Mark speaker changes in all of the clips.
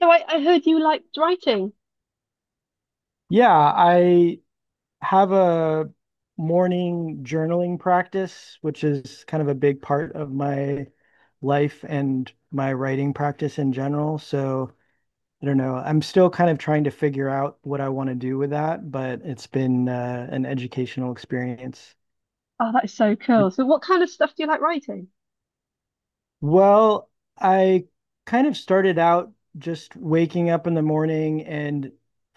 Speaker 1: So I heard you liked writing.
Speaker 2: Yeah, I have a morning journaling practice, which is kind of a big part of my life and my writing practice in general. So I don't know. I'm still kind of trying to figure out what I want to do with that, but it's been an educational experience.
Speaker 1: Oh, that is so cool. So what kind of stuff do you like writing?
Speaker 2: Well, I kind of started out just waking up in the morning, and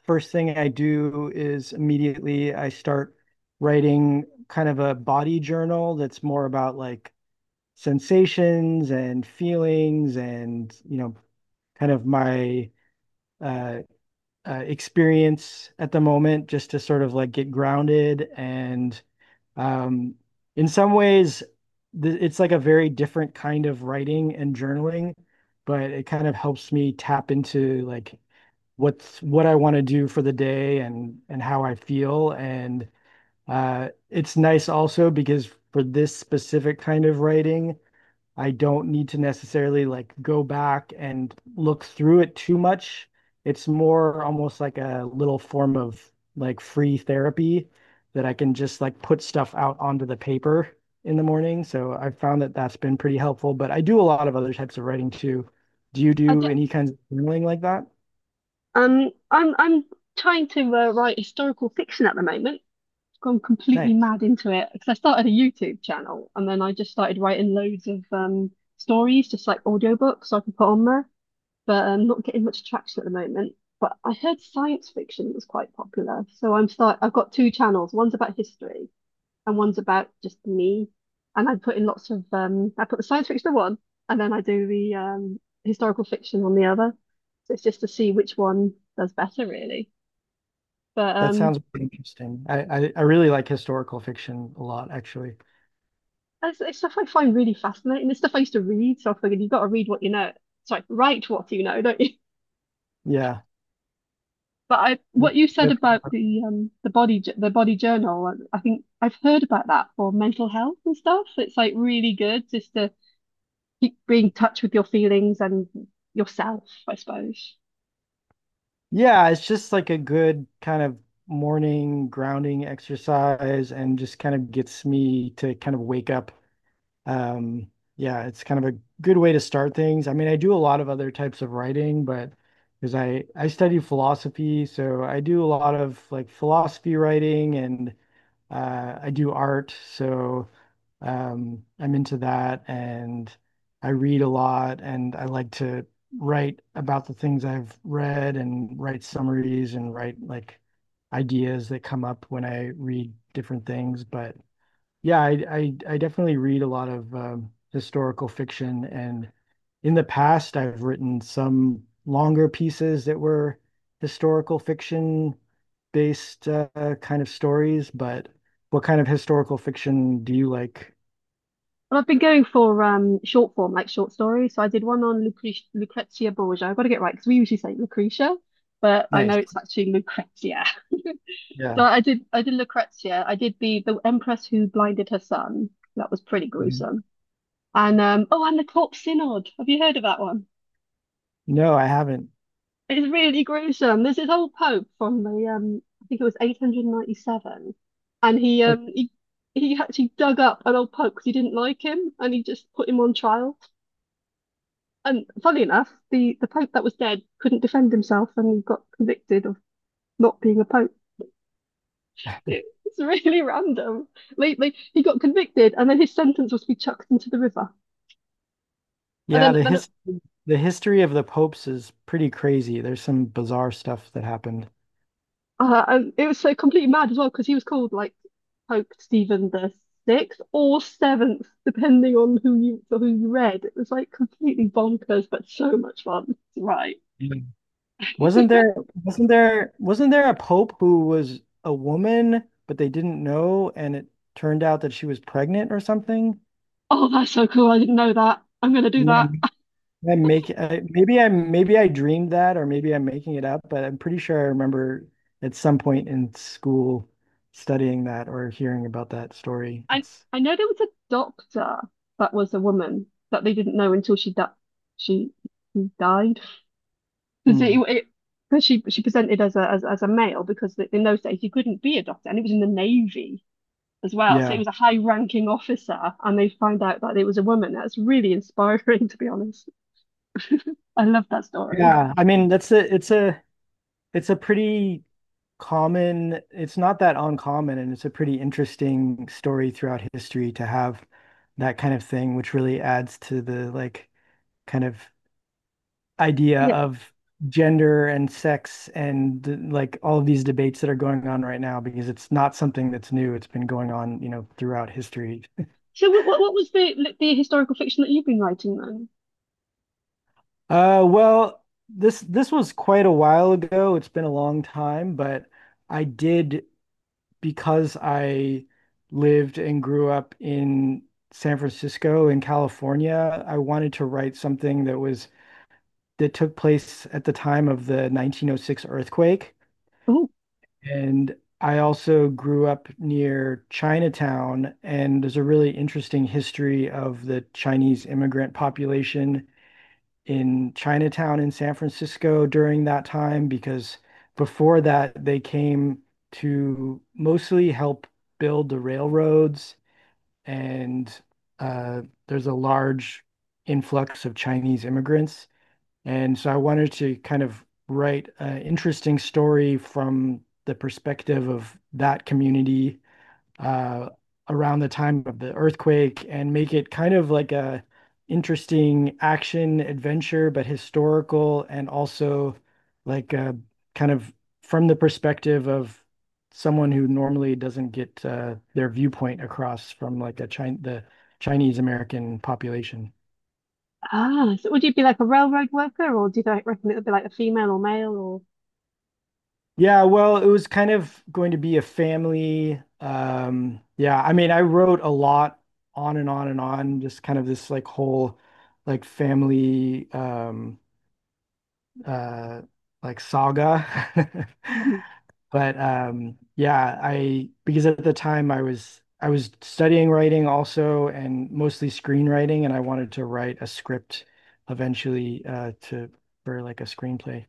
Speaker 2: first thing I do is immediately I start writing kind of a body journal that's more about like sensations and feelings and, kind of my uh, experience at the moment just to sort of like get grounded and um, in some ways, th it's like a very different kind of writing and journaling, but it kind of helps me tap into like what I want to do for the day and how I feel. And it's nice also because for this specific kind of writing, I don't need to necessarily like go back and look through it too much. It's more almost like a little form of like free therapy that I can just like put stuff out onto the paper in the morning. So I found that that's been pretty helpful, but I do a lot of other types of writing too. Do you
Speaker 1: I do,
Speaker 2: do any kinds of journaling like that?
Speaker 1: I'm trying to write historical fiction at the moment. Gone completely
Speaker 2: Nice.
Speaker 1: mad into it because I started a YouTube channel and then I just started writing loads of stories, just like audiobooks so I can put on there. But I'm not getting much traction at the moment. But I heard science fiction was quite popular, so I'm start. I've got two channels. One's about history and one's about just me. And I put in lots of I put the science fiction on one and then I do the historical fiction on the other. So it's just to see which one does better really. But
Speaker 2: That sounds pretty interesting. I really like historical fiction a lot, actually.
Speaker 1: it's stuff I find really fascinating. It's stuff I used to read, so I figured you've got to read what you know. Sorry, write what you know, don't you?
Speaker 2: Yeah.
Speaker 1: But I, what you said about the the body journal, I think I've heard about that for mental health and stuff. It's like really good just to keep being in touch with your feelings and yourself, I suppose.
Speaker 2: Yeah, it's just like a good kind of morning grounding exercise and just kind of gets me to kind of wake up. Yeah, it's kind of a good way to start things. I mean, I do a lot of other types of writing, but because I study philosophy, so I do a lot of like philosophy writing and I do art. So I'm into that and I read a lot and I like to write about the things I've read and write summaries and write like ideas that come up when I read different things. But yeah, I definitely read a lot of historical fiction and in the past I've written some longer pieces that were historical fiction based kind of stories, but what kind of historical fiction do you like?
Speaker 1: Well, I've been going for short form, like short stories. So I did one on Lucrezia Borgia. I've got to get it right because we usually say Lucretia, but I know
Speaker 2: Nice.
Speaker 1: it's actually Lucrezia. So
Speaker 2: Yeah.
Speaker 1: I did Lucrezia. I did the Empress who blinded her son. That was pretty
Speaker 2: Mhm.
Speaker 1: gruesome. And oh, and the Corpse Synod. Have you heard of that one?
Speaker 2: No, I haven't.
Speaker 1: It's really gruesome. There's this old pope from the I think it was 897, and
Speaker 2: Uh,
Speaker 1: he actually dug up an old pope because he didn't like him, and he just put him on trial. And funny enough, the Pope that was dead couldn't defend himself and he got convicted of not being a Pope. It's really random. Like he got convicted and then his sentence was to be chucked into the river. And
Speaker 2: Yeah, the history of the popes is pretty crazy. There's some bizarre stuff that happened.
Speaker 1: and it was so completely mad as well because he was called like Pope Stephen the sixth or seventh, depending on who you read. It was like completely bonkers, but so much fun. Right.
Speaker 2: Yeah. Wasn't there wasn't there a pope who was a woman, but they didn't know, and it turned out that she was pregnant or something?
Speaker 1: Oh, that's so cool. I didn't know that. I'm gonna do
Speaker 2: Am
Speaker 1: that.
Speaker 2: I make I, maybe I maybe I dreamed that, or maybe I'm making it up, but I'm pretty sure I remember at some point in school studying that or hearing about that story.
Speaker 1: I
Speaker 2: It's
Speaker 1: I know there was a doctor that was a woman that they didn't know until she she died because it,
Speaker 2: mm,
Speaker 1: it 'cause she presented as a as a male because in those days you couldn't be a doctor and it was in the Navy as well, so it
Speaker 2: yeah.
Speaker 1: was a high ranking officer and they find out that it was a woman. That's really inspiring to be honest. I love that story.
Speaker 2: Yeah, I mean that's a it's a pretty common, it's not that uncommon, and it's a pretty interesting story throughout history to have that kind of thing, which really adds to the like kind of idea
Speaker 1: Yeah,
Speaker 2: of gender and sex and like all of these debates that are going on right now, because it's not something that's new, it's been going on, you know, throughout history.
Speaker 1: so what was the historical fiction that you've been writing then?
Speaker 2: Uh, well, this was quite a while ago, it's been a long time, but I did because I lived and grew up in San Francisco in California, I wanted to write something that was that took place at the time of the 1906 earthquake.
Speaker 1: Oh,
Speaker 2: And I also grew up near Chinatown, and there's a really interesting history of the Chinese immigrant population in Chinatown in San Francisco during that time because before that they came to mostly help build the railroads and uh, there's a large influx of Chinese immigrants. And so I wanted to kind of write an interesting story from the perspective of that community, uh, around the time of the earthquake, and make it kind of like a interesting action adventure, but historical, and also like kind of from the perspective of someone who normally doesn't get their viewpoint across from like a Chin the Chinese American population.
Speaker 1: ah, so would you be like a railroad worker or do you like, reckon it would be like a female or male or
Speaker 2: Yeah, well, it was kind of going to be a family. Yeah, I mean, I wrote a lot on and on and on, just kind of this like whole like family uh like saga. But yeah, I because at the time I was studying writing also and mostly screenwriting, and I wanted to write a script eventually to for like a screenplay.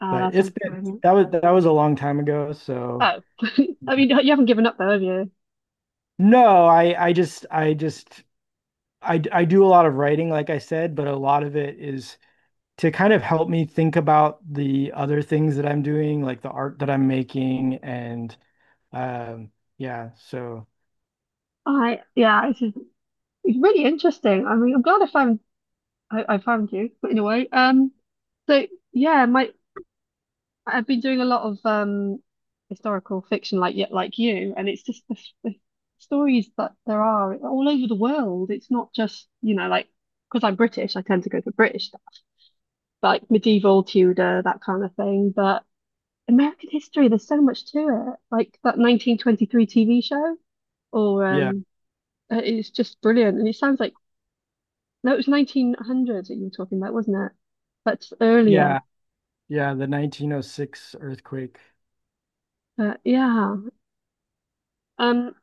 Speaker 1: oh,
Speaker 2: But
Speaker 1: that's
Speaker 2: it's
Speaker 1: one
Speaker 2: been
Speaker 1: brilliant.
Speaker 2: that was a long time ago, so
Speaker 1: Oh, I mean, you haven't given up though, have you?
Speaker 2: no, I just I just I do a lot of writing, like I said, but a lot of it is to kind of help me think about the other things that I'm doing, like the art that I'm making, and um, yeah, so
Speaker 1: I yeah, it's really interesting. I mean, I'm glad I found I found you but in a way. So yeah, my I've been doing a lot of historical fiction like yet like you, and it's just the stories that there are all over the world. It's not just you know like because I'm British, I tend to go for British stuff, like medieval Tudor that kind of thing, but. American history, there's so much to it. Like that 1923 TV show. Or
Speaker 2: yeah,
Speaker 1: it's just brilliant. And it sounds like no, it was 1900s that you were talking about, wasn't it? That's earlier.
Speaker 2: yeah, yeah, the 1906 earthquake.
Speaker 1: But yeah. Um.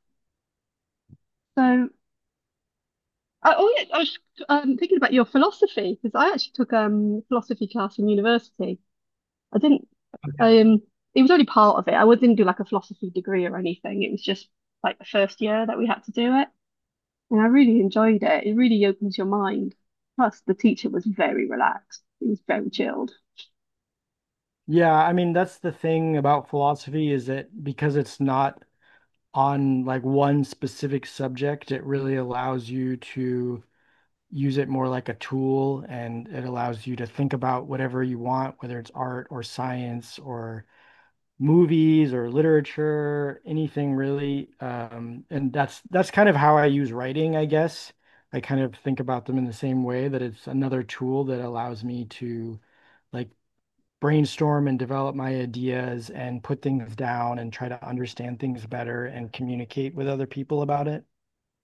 Speaker 1: So I, oh yeah, I was thinking about your philosophy because I actually took philosophy class in university. I didn't. Um. It was only part of it. I didn't do like a philosophy degree or anything. It was just like the first year that we had to do it, and I really enjoyed it. It really opens your mind. Plus, the teacher was very relaxed. He was very chilled.
Speaker 2: Yeah, I mean, that's the thing about philosophy is that because it's not on like one specific subject, it really allows you to use it more like a tool and it allows you to think about whatever you want, whether it's art or science or movies or literature, anything really. And that's kind of how I use writing, I guess. I kind of think about them in the same way that it's another tool that allows me to like brainstorm and develop my ideas and put things down and try to understand things better and communicate with other people about it.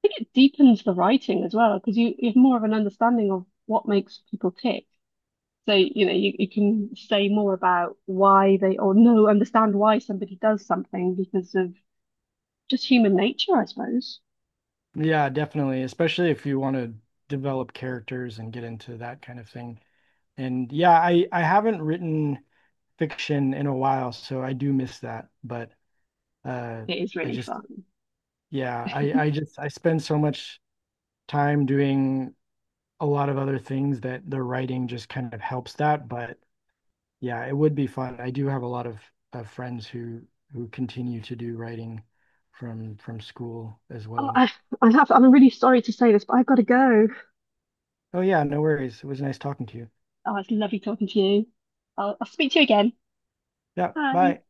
Speaker 1: Think it deepens the writing as well because you have more of an understanding of what makes people tick. So, you know, you can say more about why they or no understand why somebody does something because of just human nature, I suppose.
Speaker 2: Yeah, definitely. Especially if you want to develop characters and get into that kind of thing. And yeah, I haven't written fiction in a while, so I do miss that. But uh
Speaker 1: It is
Speaker 2: I
Speaker 1: really
Speaker 2: just
Speaker 1: fun.
Speaker 2: yeah, I spend so much time doing a lot of other things that the writing just kind of helps that. But yeah, it would be fun. I do have a lot of friends who continue to do writing from school as
Speaker 1: Oh,
Speaker 2: well.
Speaker 1: I have, I'm really sorry to say this, but I've got to go.
Speaker 2: Oh yeah, no worries. It was nice talking to you.
Speaker 1: Oh, it's lovely talking to you. I'll speak to you again.
Speaker 2: Yeah,
Speaker 1: Bye.
Speaker 2: bye.